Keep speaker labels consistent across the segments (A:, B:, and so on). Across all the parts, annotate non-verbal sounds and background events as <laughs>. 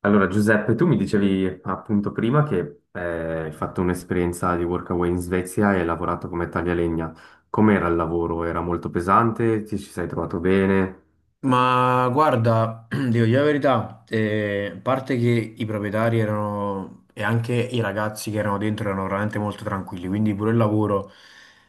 A: Allora, Giuseppe, tu mi dicevi appunto prima che hai fatto un'esperienza di workaway in Svezia e hai lavorato come taglialegna. Com'era il lavoro? Era molto pesante? Ti ci sei trovato bene?
B: Ma guarda, <clears throat> devo dire la verità, a parte che i proprietari erano e anche i ragazzi che erano dentro erano veramente molto tranquilli, quindi pure il lavoro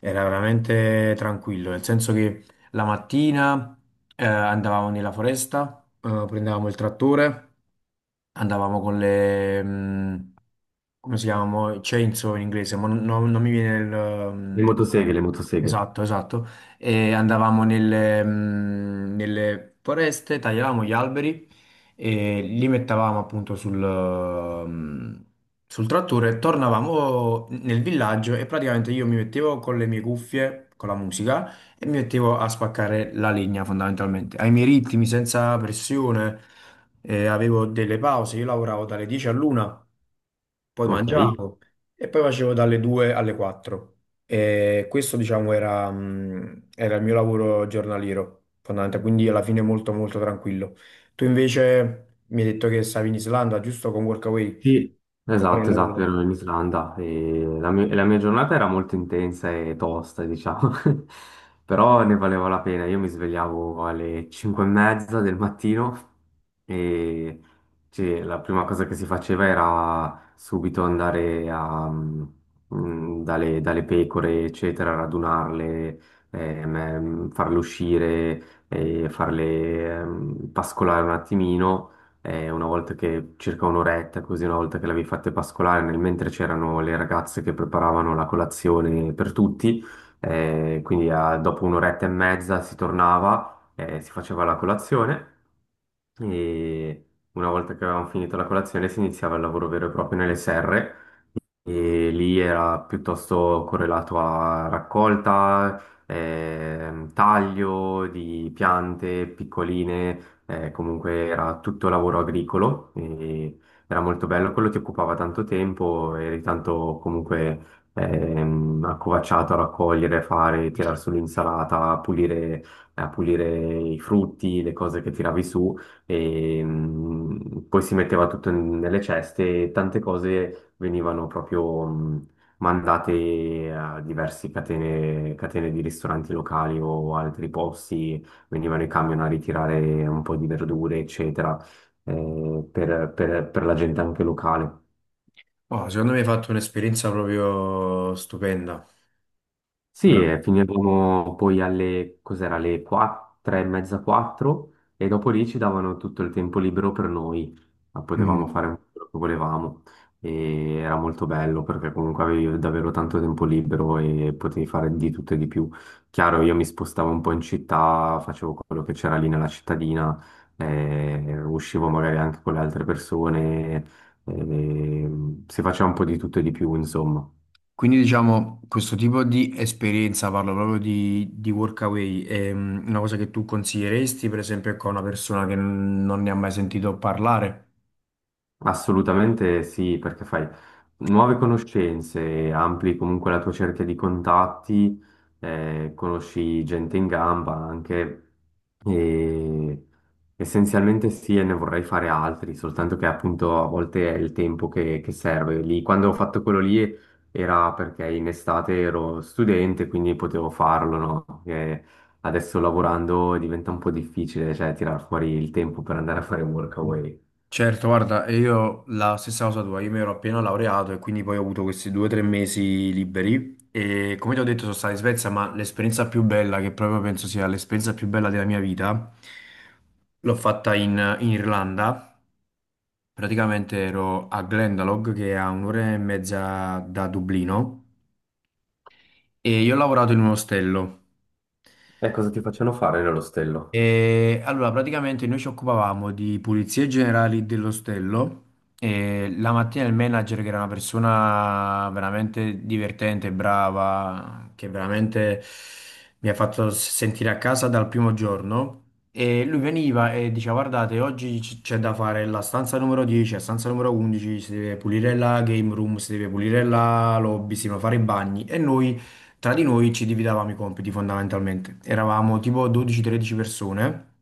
B: era veramente tranquillo, nel senso che la mattina andavamo nella foresta, prendevamo il trattore, andavamo con le, come si chiamano? Chainsaw in inglese, ma non mi viene il...
A: Le motoseghe,
B: mh,
A: le motoseghe.
B: Esatto, esatto. E andavamo nelle, nelle foreste, tagliavamo gli alberi e li mettavamo appunto sul, sul trattore, tornavamo nel villaggio e praticamente io mi mettevo con le mie cuffie, con la musica. Il mio obiettivo è spaccare la legna fondamentalmente, ai miei ritmi, senza pressione. Avevo delle pause, io lavoravo dalle 10 all'una, poi
A: Ok.
B: mangiavo e poi facevo dalle 2 alle 4. E questo diciamo era il mio lavoro giornaliero, fondamentalmente, quindi alla fine molto molto tranquillo. Tu invece mi hai detto che stavi in Islanda, giusto con Workaway,
A: Sì,
B: come era il
A: esatto, esatto,
B: lavoro?
A: ero in Islanda e la mia giornata era molto intensa e tosta, diciamo. <laughs> Però ne valeva la pena. Io mi svegliavo alle 5 e mezza del mattino, e cioè, la prima cosa che si faceva era subito andare dalle pecore, eccetera, radunarle, farle uscire, e farle pascolare un attimino, una volta che circa un'oretta, così una volta che l'avevi fatte pascolare, nel mentre c'erano le ragazze che preparavano la colazione per tutti, quindi dopo un'oretta e mezza si tornava, si faceva la colazione e una volta che avevamo finito la colazione si iniziava il lavoro vero e proprio nelle serre. E lì era piuttosto correlato a raccolta, taglio di piante piccoline, comunque era tutto lavoro agricolo e era molto bello, quello ti occupava tanto tempo, eri tanto comunque accovacciato a raccogliere, fare, tirar su l'insalata, a pulire i frutti, le cose che tiravi su. E poi si metteva tutto nelle ceste e tante cose venivano proprio mandate a diverse catene, catene di ristoranti locali o altri posti, venivano i camion a ritirare un po' di verdure, eccetera, per la gente anche locale.
B: Oh, secondo me hai fatto un'esperienza proprio stupenda.
A: Sì,
B: Ora-
A: e finivamo poi alle, cos'era, alle 4, 3:30, 4, e dopo lì ci davano tutto il tempo libero per noi, ma potevamo
B: Mm.
A: fare un po' quello che volevamo e era molto bello perché comunque avevi davvero tanto tempo libero e potevi fare di tutto e di più. Chiaro, io mi spostavo un po' in città, facevo quello che c'era lì nella cittadina, uscivo magari anche con le altre persone, eh, si faceva un po' di tutto e di più, insomma.
B: Quindi diciamo questo tipo di esperienza, parlo proprio di workaway, è una cosa che tu consiglieresti per esempio, ecco, a una persona che n- non ne ha mai sentito parlare?
A: Assolutamente sì, perché fai nuove conoscenze, ampli comunque la tua cerchia di contatti, conosci gente in gamba anche e essenzialmente sì, e ne vorrei fare altri, soltanto che appunto a volte è il tempo che serve. Lì, quando ho fatto quello lì era perché in estate ero studente, quindi potevo farlo, no? E adesso lavorando diventa un po' difficile, cioè tirar fuori il tempo per andare a fare workaway.
B: Certo, guarda, e io la stessa cosa tua, io mi ero appena laureato e quindi poi ho avuto questi due o tre mesi liberi e come ti ho detto sono stato in Svezia, ma l'esperienza più bella, che proprio penso sia l'esperienza più bella della mia vita, l'ho fatta in Irlanda, praticamente ero a Glendalough che è a un'ora e mezza da Dublino. E io ho lavorato in un ostello.
A: E cosa ti facevano fare nell'ostello?
B: E allora, praticamente noi ci occupavamo di pulizie generali dell'ostello. E la mattina il manager, che era una persona veramente divertente, brava, che veramente mi ha fatto sentire a casa dal primo giorno. E lui veniva e diceva: Guardate, oggi c'è da fare la stanza numero 10, la stanza numero 11, si deve pulire la game room, si deve pulire la lobby, si devono fare i bagni. E noi, tra di noi ci dividevamo i compiti fondamentalmente. Eravamo tipo 12-13 persone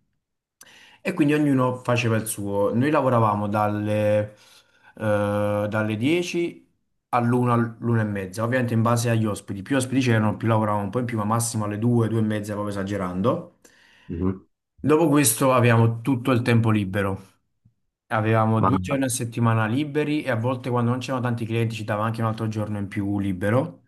B: e quindi ognuno faceva il suo. Noi lavoravamo dalle 10 all'una, all'una e mezza, ovviamente in base agli ospiti. Più ospiti c'erano, più lavoravamo un po' in più, ma massimo alle 2, 2 e mezza, proprio esagerando.
A: Mhm.
B: Dopo questo avevamo tutto il tempo libero. Avevamo
A: Ma,
B: due giorni a settimana liberi e a volte quando non c'erano tanti clienti ci dava anche un altro giorno in più libero.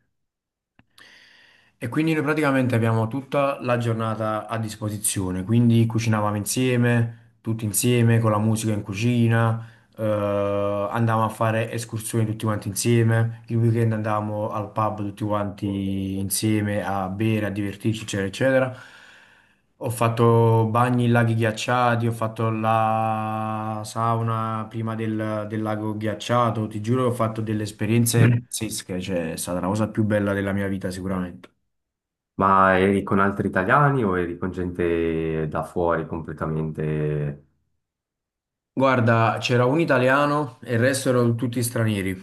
B: E quindi noi praticamente abbiamo tutta la giornata a disposizione, quindi cucinavamo insieme, tutti insieme, con la musica in cucina. Andavamo a fare escursioni tutti quanti insieme, il weekend andavamo al pub tutti quanti insieme a bere, a divertirci, eccetera, eccetera. Ho fatto bagni in laghi ghiacciati, ho fatto la sauna prima del lago ghiacciato, ti giuro che ho fatto delle esperienze
A: <clears throat>
B: pazzesche, cioè è stata la cosa più bella della mia vita sicuramente.
A: ma eri con altri italiani o eri con gente da fuori completamente?
B: Guarda, c'era un italiano e il resto erano tutti stranieri.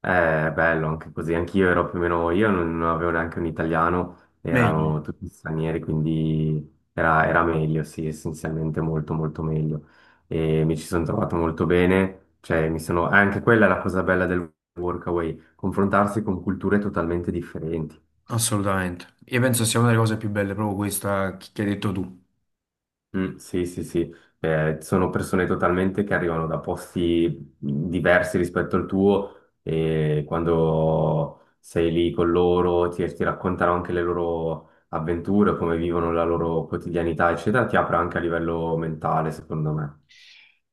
A: È bello anche così. Anch'io ero più o meno, io non, avevo neanche un italiano,
B: Meglio.
A: erano tutti stranieri, quindi era meglio, sì, essenzialmente molto molto meglio. E mi ci sono trovato molto bene, cioè mi sono, anche quella è la cosa bella del workaway, confrontarsi con culture totalmente differenti.
B: Assolutamente. Io penso sia una delle cose più belle, proprio questa che hai detto tu.
A: Mm, sì, sì, sì. Sono persone totalmente che arrivano da posti diversi rispetto al tuo e quando sei lì con loro ti raccontano anche le loro avventure, come vivono la loro quotidianità, eccetera, ti apre anche a livello mentale, secondo me.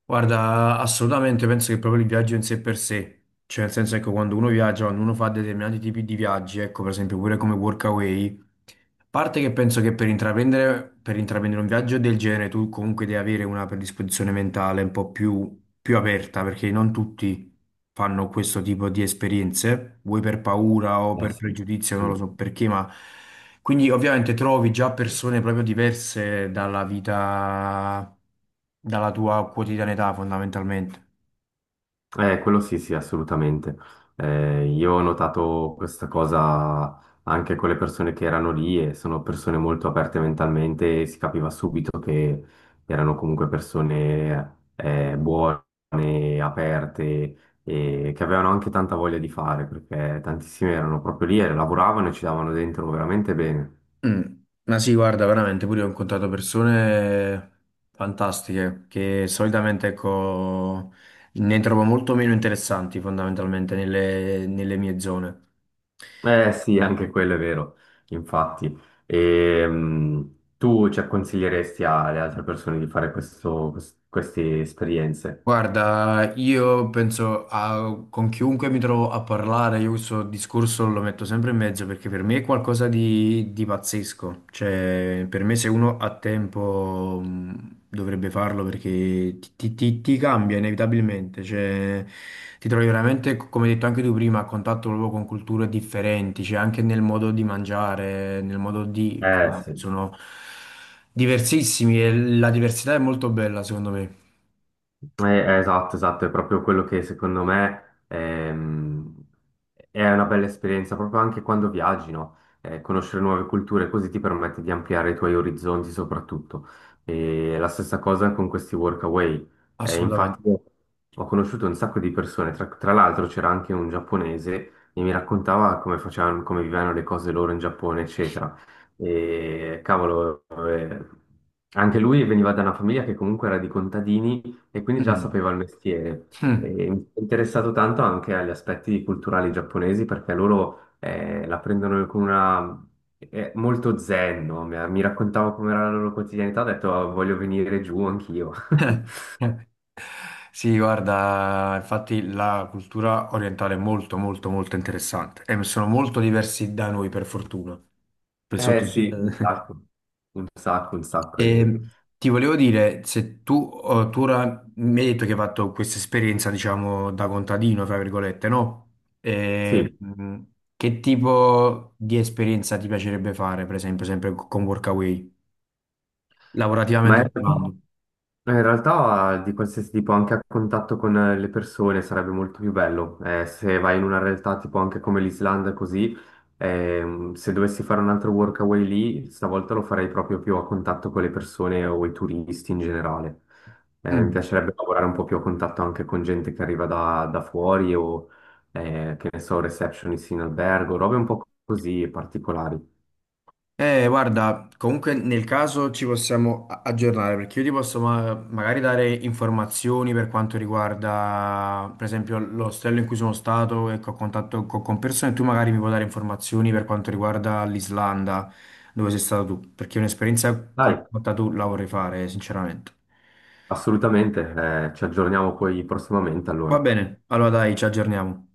B: Guarda, assolutamente penso che proprio il viaggio in sé per sé, cioè nel senso ecco quando uno viaggia, quando uno fa determinati tipi di viaggi, ecco per esempio pure come workaway, a parte che penso che per intraprendere un viaggio del genere tu comunque devi avere una predisposizione mentale un po' più aperta perché non tutti fanno questo tipo di esperienze, vuoi per paura o
A: Ah,
B: per
A: sì.
B: pregiudizio, non
A: Mm.
B: lo so perché, ma quindi ovviamente trovi già persone proprio diverse dalla vita dalla tua quotidianità fondamentalmente.
A: Quello sì, sì, assolutamente. Io ho notato questa cosa anche con le persone che erano lì e sono persone molto aperte mentalmente e si capiva subito che erano comunque persone buone, aperte e che avevano anche tanta voglia di fare perché tantissimi erano proprio lì e lavoravano e ci davano dentro veramente bene.
B: Mm. Ma sì, guarda, veramente, pure io ho incontrato persone fantastiche che solitamente, ecco, ne trovo molto meno interessanti fondamentalmente nelle mie zone.
A: Eh sì, anche quello è vero, infatti. Tu, cioè, consiglieresti alle altre persone di fare questo, queste esperienze?
B: Guarda, io penso a, con chiunque mi trovo a parlare, io questo discorso lo metto sempre in mezzo perché per me è qualcosa di pazzesco. Cioè, per me se uno ha tempo dovrebbe farlo perché ti cambia inevitabilmente. Cioè, ti trovi veramente, come hai detto anche tu prima, a contatto proprio con culture differenti, cioè anche nel modo di mangiare, nel modo di...
A: Eh
B: fare.
A: sì.
B: Sono diversissimi e la diversità è molto bella, secondo me.
A: Esatto, esatto, è proprio quello che secondo me è una bella esperienza, proprio anche quando viaggi, no? Conoscere nuove culture così ti permette di ampliare i tuoi orizzonti soprattutto. E la stessa cosa con questi workaway. Infatti
B: Assolutamente.
A: ho conosciuto un sacco di persone, tra l'altro c'era anche un giapponese e mi raccontava come facevano, come vivevano le cose loro in Giappone, eccetera. E cavolo, anche lui veniva da una famiglia che comunque era di contadini e quindi già
B: Mm.
A: sapeva il mestiere. E
B: Mm.
A: mi sono interessato tanto anche agli aspetti culturali giapponesi perché loro la prendono con una... È molto zen, no? Mi raccontavo com'era la loro quotidianità, ho detto "Ah, voglio venire giù anch'io." <laughs>
B: <laughs> Sì, guarda, infatti la cultura orientale è molto, molto, molto interessante e sono molto diversi da noi, per fortuna. Per
A: Eh
B: sotto-
A: sì, un
B: <laughs>
A: sacco, un sacco, un sacco.
B: E ti volevo dire, se tu, oh, tu ora mi hai detto che hai fatto questa esperienza, diciamo, da contadino, tra virgolette, no? E,
A: Sì,
B: che tipo di esperienza ti piacerebbe fare, per esempio, sempre con Workaway,
A: ma
B: lavorativamente
A: è...
B: parlando?
A: In realtà di qualsiasi tipo, anche a contatto con le persone sarebbe molto più bello. Se vai in una realtà tipo anche come l'Islanda, così, se dovessi fare un altro workaway lì, stavolta lo farei proprio più a contatto con le persone o i turisti in generale. Mi
B: Mm.
A: piacerebbe lavorare un po' più a contatto anche con gente che arriva da fuori o, che ne so, receptionist in albergo, robe un po' così particolari.
B: Guarda, comunque nel caso ci possiamo aggiornare perché io ti posso magari dare informazioni per quanto riguarda, per esempio, l'ostello in cui sono stato e che ho contatto con persone, tu magari mi puoi dare informazioni per quanto riguarda l'Islanda, dove sei stato tu, perché un'esperienza come
A: Dai,
B: quella tu la vorrei fare, sinceramente.
A: assolutamente, ci aggiorniamo poi prossimamente
B: Va
A: allora.
B: bene, allora dai, ci aggiorniamo.